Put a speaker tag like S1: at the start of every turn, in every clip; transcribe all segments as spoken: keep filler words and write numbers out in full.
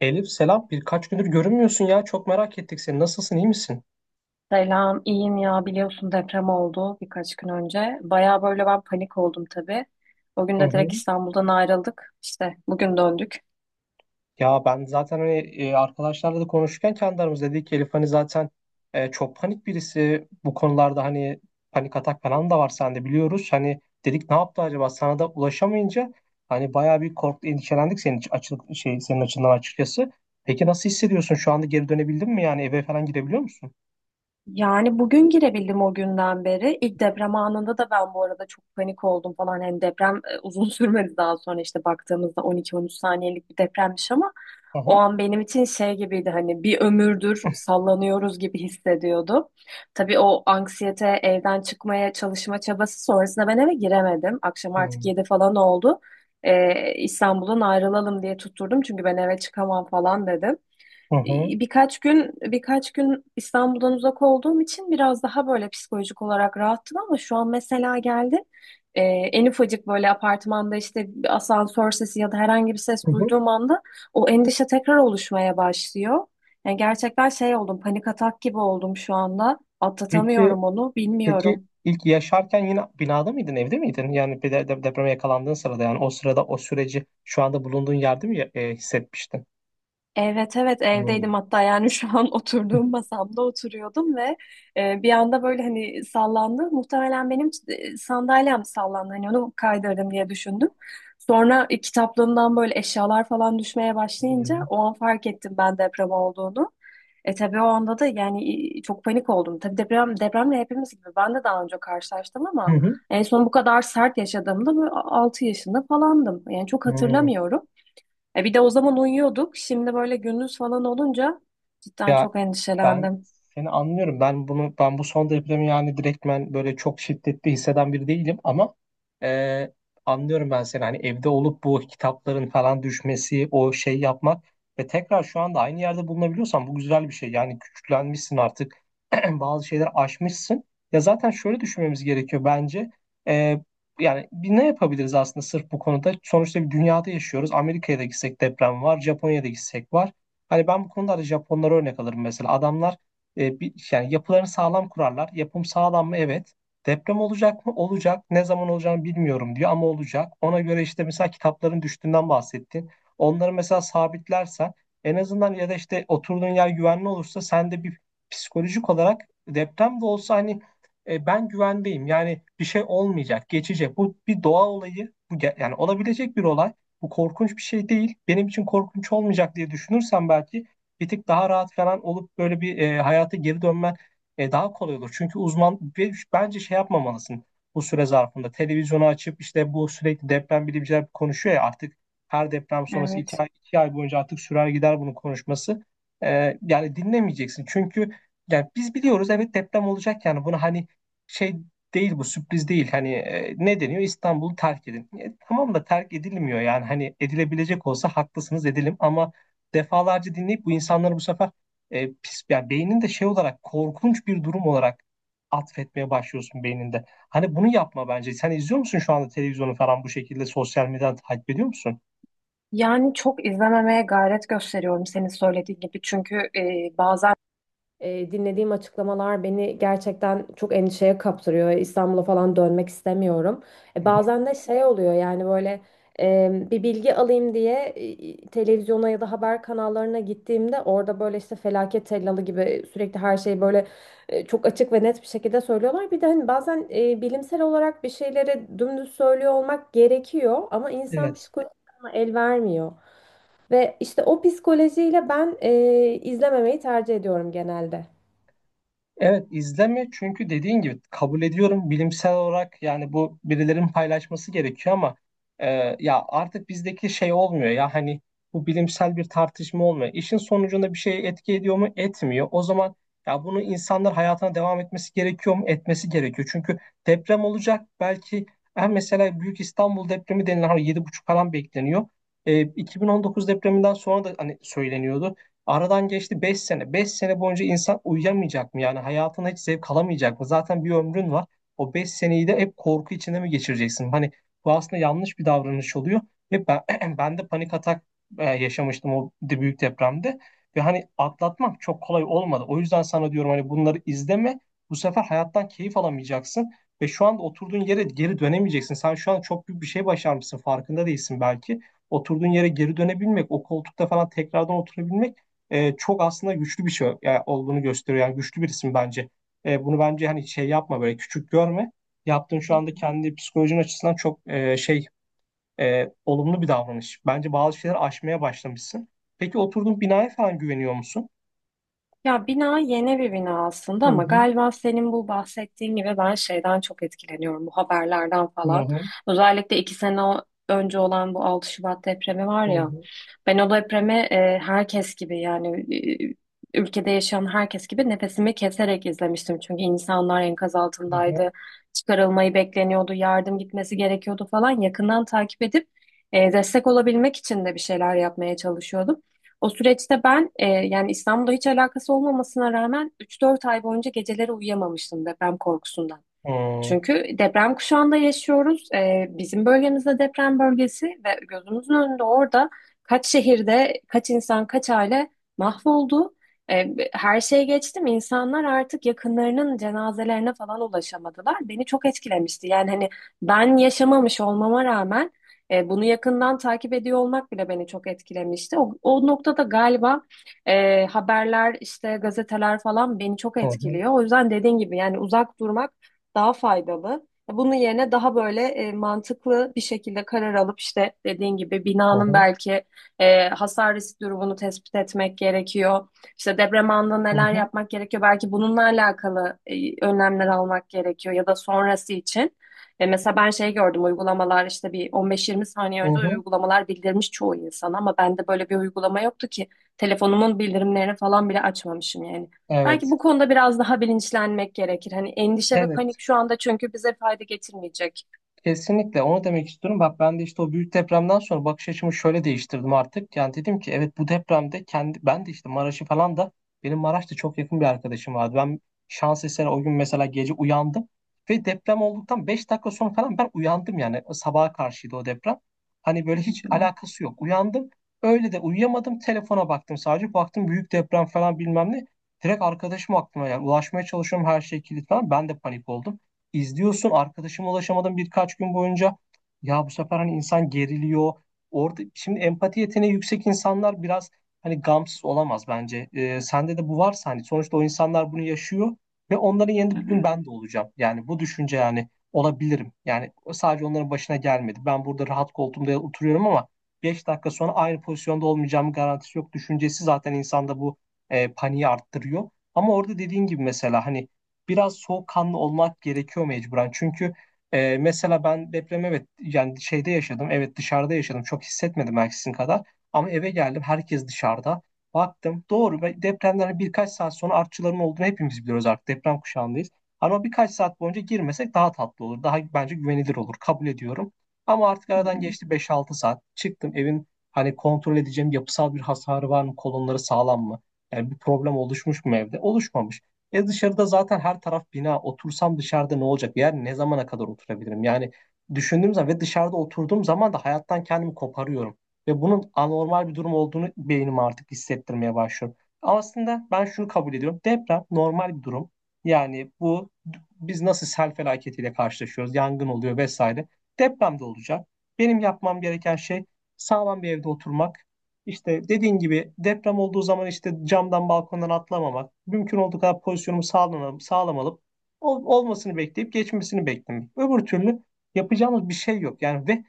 S1: Elif selam, birkaç gündür görünmüyorsun ya, çok merak ettik seni. Nasılsın, iyi misin?
S2: Selam, iyiyim ya biliyorsun deprem oldu birkaç gün önce. Baya böyle ben panik oldum tabii. O gün
S1: Hı
S2: de
S1: hı.
S2: direkt İstanbul'dan ayrıldık. İşte bugün döndük.
S1: Ya ben zaten hani e, arkadaşlarla da konuşurken kendi aramızda dedik ki Elif hani zaten e, çok panik birisi bu konularda, hani panik atak falan da var sende, biliyoruz. Hani dedik ne yaptı acaba, sana da ulaşamayınca hani bayağı bir korktu, endişelendik senin için- açı, şey, senin açından açıkçası. Peki nasıl hissediyorsun şu anda? Geri dönebildin mi, yani eve falan gidebiliyor musun?
S2: Yani bugün girebildim o günden beri. İlk deprem anında da ben bu arada çok panik oldum falan. Hani deprem e, uzun sürmedi, daha sonra işte baktığımızda on iki on üç saniyelik bir depremmiş ama
S1: Hı
S2: o
S1: hı.
S2: an benim için şey gibiydi, hani bir ömürdür sallanıyoruz gibi hissediyordum. Tabii o anksiyete, evden çıkmaya çalışma çabası sonrasında ben eve giremedim. Akşam
S1: Hı
S2: artık yedi falan oldu. Ee, İstanbul'dan ayrılalım diye tutturdum çünkü ben eve çıkamam falan dedim.
S1: hı.
S2: Birkaç gün birkaç gün İstanbul'dan uzak olduğum için biraz daha böyle psikolojik olarak rahattım ama şu an mesela geldim. Ee, en ufacık böyle apartmanda işte bir asansör sesi ya da herhangi bir ses
S1: Hı hı.
S2: duyduğum anda o endişe tekrar oluşmaya başlıyor. Yani gerçekten şey oldum, panik atak gibi oldum şu anda.
S1: Peki
S2: Atlatamıyorum onu,
S1: Peki
S2: bilmiyorum.
S1: ilk yaşarken yine binada mıydın, evde miydin? Yani bir de, de- depreme yakalandığın sırada, yani o sırada o süreci şu anda bulunduğun yerde mi e, hissetmiştin?
S2: Evet, evet,
S1: Hmm.
S2: evdeydim hatta. Yani şu an oturduğum masamda oturuyordum ve e, bir anda böyle hani sallandı. Muhtemelen benim e, sandalyem sallandı, hani onu kaydırdım diye düşündüm. Sonra e, kitaplığımdan böyle eşyalar falan düşmeye başlayınca
S1: Hı
S2: o an fark ettim ben deprem olduğunu. E tabii o anda da yani e, çok panik oldum. Tabii deprem depremle hepimiz gibi ben de daha önce karşılaştım ama
S1: hı.
S2: en son bu kadar sert yaşadığımda böyle altı yaşında falandım. Yani çok
S1: Hı.
S2: hatırlamıyorum. E bir de o zaman uyuyorduk. Şimdi böyle gündüz falan olunca cidden
S1: Ya
S2: çok
S1: Ben
S2: endişelendim.
S1: seni anlıyorum. Ben bunu ben bu son depremi yani direktmen böyle çok şiddetli hisseden biri değilim ama e, anlıyorum ben seni. Hani evde olup bu kitapların falan düşmesi, o şey yapmak ve tekrar şu anda aynı yerde bulunabiliyorsan bu güzel bir şey. Yani güçlenmişsin artık. Bazı şeyler aşmışsın. Ya zaten şöyle düşünmemiz gerekiyor bence. E, Yani bir ne yapabiliriz aslında sırf bu konuda? Sonuçta bir dünyada yaşıyoruz. Amerika'ya da gitsek deprem var, Japonya'da gitsek var. Hani ben bu konuda da Japonlara örnek alırım mesela. Adamlar e, bir, yani yapılarını sağlam kurarlar. Yapım sağlam mı? Evet. Deprem olacak mı? Olacak. Ne zaman olacağını bilmiyorum diyor ama olacak. Ona göre işte, mesela kitapların düştüğünden bahsettin. Onları mesela sabitlersen en azından, ya da işte oturduğun yer güvenli olursa, sen de bir psikolojik olarak deprem de olsa hani e, ben güvendeyim, yani bir şey olmayacak, geçecek. Bu bir doğa olayı. Bu ge- yani olabilecek bir olay, bu korkunç bir şey değil. Benim için korkunç olmayacak diye düşünürsen, belki bir tık daha rahat falan olup böyle bir e, hayata geri dönmen e, daha kolay olur. Çünkü uzman, ve bence şey yapmamalısın bu süre zarfında. Televizyonu açıp işte, bu sürekli deprem bilimciler konuşuyor ya artık, her deprem sonrası iki
S2: Evet.
S1: ay, iki ay boyunca artık sürer gider bunun konuşması. E, yani dinlemeyeceksin. Çünkü yani biz biliyoruz, evet deprem olacak, yani bunu hani şey değil, bu sürpriz değil. Hani e, ne deniyor? İstanbul'u terk edin. E, tamam da terk edilmiyor yani. Hani edilebilecek olsa haklısınız edelim, ama defalarca dinleyip bu insanları bu sefer e, pis yani beynin de şey olarak, korkunç bir durum olarak atfetmeye başlıyorsun beyninde. Hani bunu yapma bence. Sen izliyor musun şu anda televizyonu falan, bu şekilde sosyal medyadan takip ediyor musun?
S2: Yani çok izlememeye gayret gösteriyorum senin söylediğin gibi. Çünkü e, bazen E, dinlediğim açıklamalar beni gerçekten çok endişeye kaptırıyor. İstanbul'a falan dönmek istemiyorum.
S1: Hı
S2: E,
S1: hı.
S2: bazen de şey oluyor yani, böyle e, bir bilgi alayım diye e, televizyona ya da haber kanallarına gittiğimde, orada böyle işte felaket tellalı gibi sürekli her şeyi böyle e, çok açık ve net bir şekilde söylüyorlar. Bir de hani bazen e, bilimsel olarak bir şeyleri dümdüz söylüyor olmak gerekiyor ama insan
S1: Evet.
S2: psikolojisine el vermiyor. Ve işte o psikolojiyle ben e, izlememeyi tercih ediyorum genelde.
S1: Evet, izleme, çünkü dediğin gibi kabul ediyorum, bilimsel olarak yani bu birilerin paylaşması gerekiyor, ama e, ya artık bizdeki şey olmuyor ya, hani bu bilimsel bir tartışma olmuyor. İşin sonucunda bir şey etki ediyor mu? Etmiyor. O zaman ya bunu, insanlar hayatına devam etmesi gerekiyor mu? Etmesi gerekiyor. Çünkü deprem olacak, belki ha mesela Büyük İstanbul depremi denilen, hani yedi buçuk falan bekleniyor. E, iki bin on dokuz depreminden sonra da hani söyleniyordu. Aradan geçti beş sene. Beş sene boyunca insan uyuyamayacak mı? Yani hayatına hiç zevk alamayacak mı? Zaten bir ömrün var. O beş seneyi de hep korku içinde mi geçireceksin? Hani bu aslında yanlış bir davranış oluyor. Ve ben, ben de panik atak e, yaşamıştım o de- büyük depremde. Ve hani atlatmak çok kolay olmadı. O yüzden sana diyorum, hani bunları izleme. Bu sefer hayattan keyif alamayacaksın. Ve şu anda oturduğun yere geri dönemeyeceksin. Sen şu an çok büyük bir şey başarmışsın, farkında değilsin belki. Oturduğun yere geri dönebilmek, o koltukta falan tekrardan oturabilmek e, çok aslında güçlü bir şey yani olduğunu gösteriyor. Yani güçlü bir isim bence. E, bunu bence hani şey yapma, böyle küçük görme. Yaptığın şu anda kendi psikolojin açısından çok e, şey e, olumlu bir davranış. Bence bazı şeyler aşmaya başlamışsın. Peki oturduğun binaya falan güveniyor musun?
S2: Ya bina yeni bir bina aslında
S1: Hı
S2: ama
S1: hı,
S2: galiba senin bu bahsettiğin gibi ben şeyden çok etkileniyorum, bu haberlerden
S1: hı
S2: falan.
S1: hı,
S2: Özellikle iki sene o- önce olan bu 6 Şubat depremi var
S1: hı
S2: ya,
S1: hı,
S2: ben o depremi e, herkes gibi yani e, ülkede yaşayan herkes gibi nefesimi keserek izlemiştim. Çünkü insanlar enkaz
S1: hı hı,
S2: altındaydı, çıkarılmayı bekleniyordu, yardım gitmesi gerekiyordu falan. Yakından takip edip e, destek olabilmek için de bir şeyler yapmaya çalışıyordum. O süreçte ben e, yani İstanbul'da hiç alakası olmamasına rağmen üç dört ay boyunca geceleri uyuyamamıştım deprem korkusundan.
S1: hmm,
S2: Çünkü deprem kuşağında yaşıyoruz. Ee, bizim bölgemizde deprem bölgesi ve gözümüzün önünde orada kaç şehirde kaç insan kaç aile mahvoldu. Ee, her şeye geçtim. İnsanlar artık yakınlarının cenazelerine falan ulaşamadılar. Beni çok etkilemişti. Yani hani ben yaşamamış olmama rağmen e, bunu yakından takip ediyor olmak bile beni çok etkilemişti. O, o noktada galiba e, haberler işte gazeteler falan beni çok
S1: hı hı,
S2: etkiliyor. O yüzden dediğin gibi yani uzak durmak daha faydalı. E, Bunun yerine daha böyle e, mantıklı bir şekilde karar alıp işte dediğin gibi
S1: hı
S2: binanın
S1: hı,
S2: belki e, hasar risk durumunu tespit etmek gerekiyor. İşte deprem anında
S1: hı
S2: neler
S1: hı,
S2: yapmak gerekiyor? Belki bununla alakalı e, önlemler almak gerekiyor, ya da sonrası için. E, mesela ben şey gördüm, uygulamalar işte bir on beş yirmi saniye
S1: hı
S2: önce
S1: hı.
S2: uygulamalar bildirmiş çoğu insan ama bende böyle bir uygulama yoktu ki, telefonumun bildirimlerini falan bile açmamışım yani. Belki
S1: Evet,
S2: bu konuda biraz daha bilinçlenmek gerekir. Hani endişe ve
S1: evet.
S2: panik şu anda çünkü bize fayda getirmeyecek.
S1: Kesinlikle onu demek istiyorum. Bak ben de işte o büyük depremden sonra bakış açımı şöyle değiştirdim artık. Yani dedim ki evet, bu depremde kendi ben de işte Maraş'ı falan da, benim Maraş'ta çok yakın bir arkadaşım vardı. Ben şans eseri o gün mesela gece uyandım ve deprem olduktan beş dakika sonra falan ben uyandım, yani sabaha karşıydı o deprem. Hani böyle
S2: Hı
S1: hiç
S2: hı,
S1: alakası yok, uyandım. Öyle de uyuyamadım, telefona baktım sadece. Baktım büyük deprem falan bilmem ne. Direkt arkadaşım aklıma, yani ulaşmaya çalışıyorum, her şey kilit falan. Ben de panik oldum, izliyorsun, arkadaşıma ulaşamadım birkaç gün boyunca. Ya bu sefer hani insan geriliyor. Orada şimdi empati yeteneği yüksek insanlar biraz hani gamsız olamaz bence. Ee, sende de bu varsa hani, sonuçta o insanlar bunu yaşıyor ve onların yerinde bir gün ben de olacağım. Yani bu düşünce, yani olabilirim. Yani sadece onların başına gelmedi. Ben burada rahat koltuğumda oturuyorum ama beş dakika sonra aynı pozisyonda olmayacağım, garantisi yok. Düşüncesi zaten insanda bu e, paniği arttırıyor. Ama orada dediğin gibi mesela hani, biraz soğukkanlı olmak gerekiyor mecburen. Çünkü e, mesela ben depremi evet yani şeyde yaşadım. Evet, dışarıda yaşadım. Çok hissetmedim belki sizin kadar. Ama eve geldim, herkes dışarıda. Baktım. Doğru. Ve depremden birkaç saat sonra artçıların olduğunu hepimiz biliyoruz artık. Deprem kuşağındayız. Ama birkaç saat boyunca girmesek daha tatlı olur. Daha bence güvenilir olur, kabul ediyorum. Ama artık
S2: hı
S1: aradan
S2: hı.
S1: geçti beş altı saat. Çıktım evin, hani kontrol edeceğim, yapısal bir hasarı var mı? Kolonları sağlam mı? Yani bir problem oluşmuş mu evde? Oluşmamış. E, dışarıda zaten her taraf bina. Otursam dışarıda ne olacak? Yani ne zamana kadar oturabilirim? Yani düşündüğüm zaman ve dışarıda oturduğum zaman da hayattan kendimi koparıyorum. Ve bunun anormal bir durum olduğunu beynim artık hissettirmeye başlıyor. Aslında ben şunu kabul ediyorum: deprem normal bir durum. Yani bu, biz nasıl sel felaketiyle karşılaşıyoruz, yangın oluyor vesaire, deprem de olacak. Benim yapmam gereken şey sağlam bir evde oturmak, işte dediğin gibi deprem olduğu zaman işte camdan balkondan atlamamak, mümkün olduğu kadar pozisyonumu sağlam, sağlam ol- olmasını bekleyip geçmesini beklemek. Öbür türlü yapacağımız bir şey yok. Yani ve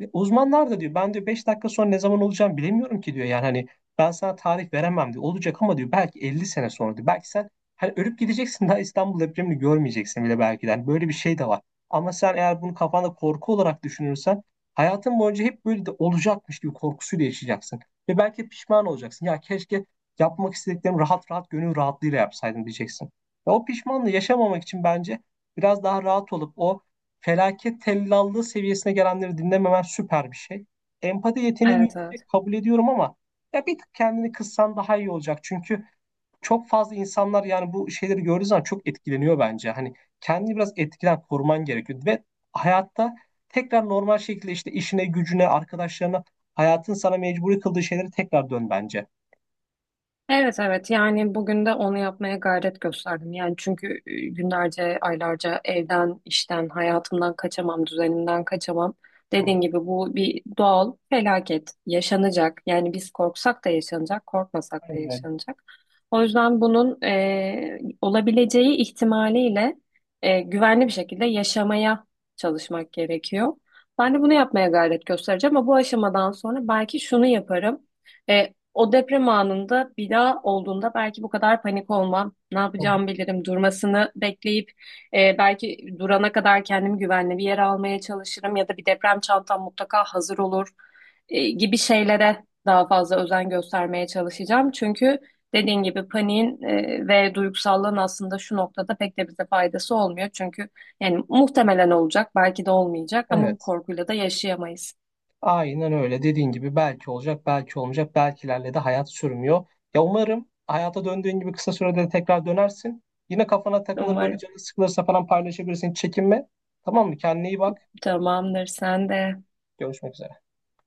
S1: ve uzmanlar da diyor, ben diyor beş dakika sonra ne zaman olacağım bilemiyorum ki diyor. Yani hani ben sana tarih veremem diyor. Olacak ama diyor, belki elli sene sonra diyor. Belki sen hani ölüp gideceksin, daha İstanbul depremini görmeyeceksin bile belki de. Hani böyle bir şey de var. Ama sen eğer bunu kafanda korku olarak düşünürsen, hayatın boyunca hep böyle de olacakmış gibi korkusuyla yaşayacaksın. Ve belki pişman olacaksın. Ya keşke yapmak istediklerimi rahat rahat gönül rahatlığıyla yapsaydım diyeceksin. Ve o pişmanlığı yaşamamak için bence biraz daha rahat olup o felaket tellallığı seviyesine gelenleri dinlememen süper bir şey. Empati yeteneğin
S2: Evet, evet.
S1: yüksek, kabul ediyorum, ama ya bir tık kendini kıssan daha iyi olacak. Çünkü çok fazla insanlar yani bu şeyleri gördüğü zaman çok etkileniyor bence. Hani kendini biraz etkiden koruman gerekiyor ve hayatta tekrar normal şekilde işte işine, gücüne, arkadaşlarına, hayatın sana mecburi kıldığı şeylere tekrar dön bence.
S2: Evet, evet, yani bugün de onu yapmaya gayret gösterdim. Yani çünkü e, günlerce, aylarca evden, işten, hayatımdan kaçamam, düzenimden kaçamam.
S1: Hı,
S2: Dediğin gibi bu bir doğal felaket, yaşanacak. Yani biz korksak da yaşanacak, korkmasak da
S1: aynen öyle.
S2: yaşanacak. O yüzden bunun e, olabileceği ihtimaliyle e, güvenli bir şekilde yaşamaya çalışmak gerekiyor. Ben de bunu yapmaya gayret göstereceğim ama bu aşamadan sonra belki şunu yaparım. E, o deprem anında bir daha olduğunda belki bu kadar panik olmam. Ne
S1: Hı hı.
S2: yapacağımı bilirim. Durmasını bekleyip e, belki durana kadar kendimi güvenli bir yere almaya çalışırım ya da bir deprem çantam mutlaka hazır olur e, gibi şeylere daha fazla özen göstermeye çalışacağım. Çünkü dediğin gibi paniğin e, ve duygusallığın aslında şu noktada pek de bize faydası olmuyor. Çünkü yani muhtemelen olacak, belki de olmayacak ama bu
S1: Evet.
S2: korkuyla da yaşayamayız.
S1: Aynen öyle. Dediğin gibi belki olacak, belki olmayacak. Belkilerle de hayat sürmüyor. Ya umarım hayata döndüğün gibi kısa sürede de tekrar dönersin. Yine kafana takılır böyle,
S2: Umarım.
S1: canın sıkılırsa falan paylaşabilirsin, hiç çekinme. Tamam mı? Kendine iyi bak.
S2: Tamamdır, sen de.
S1: Görüşmek üzere.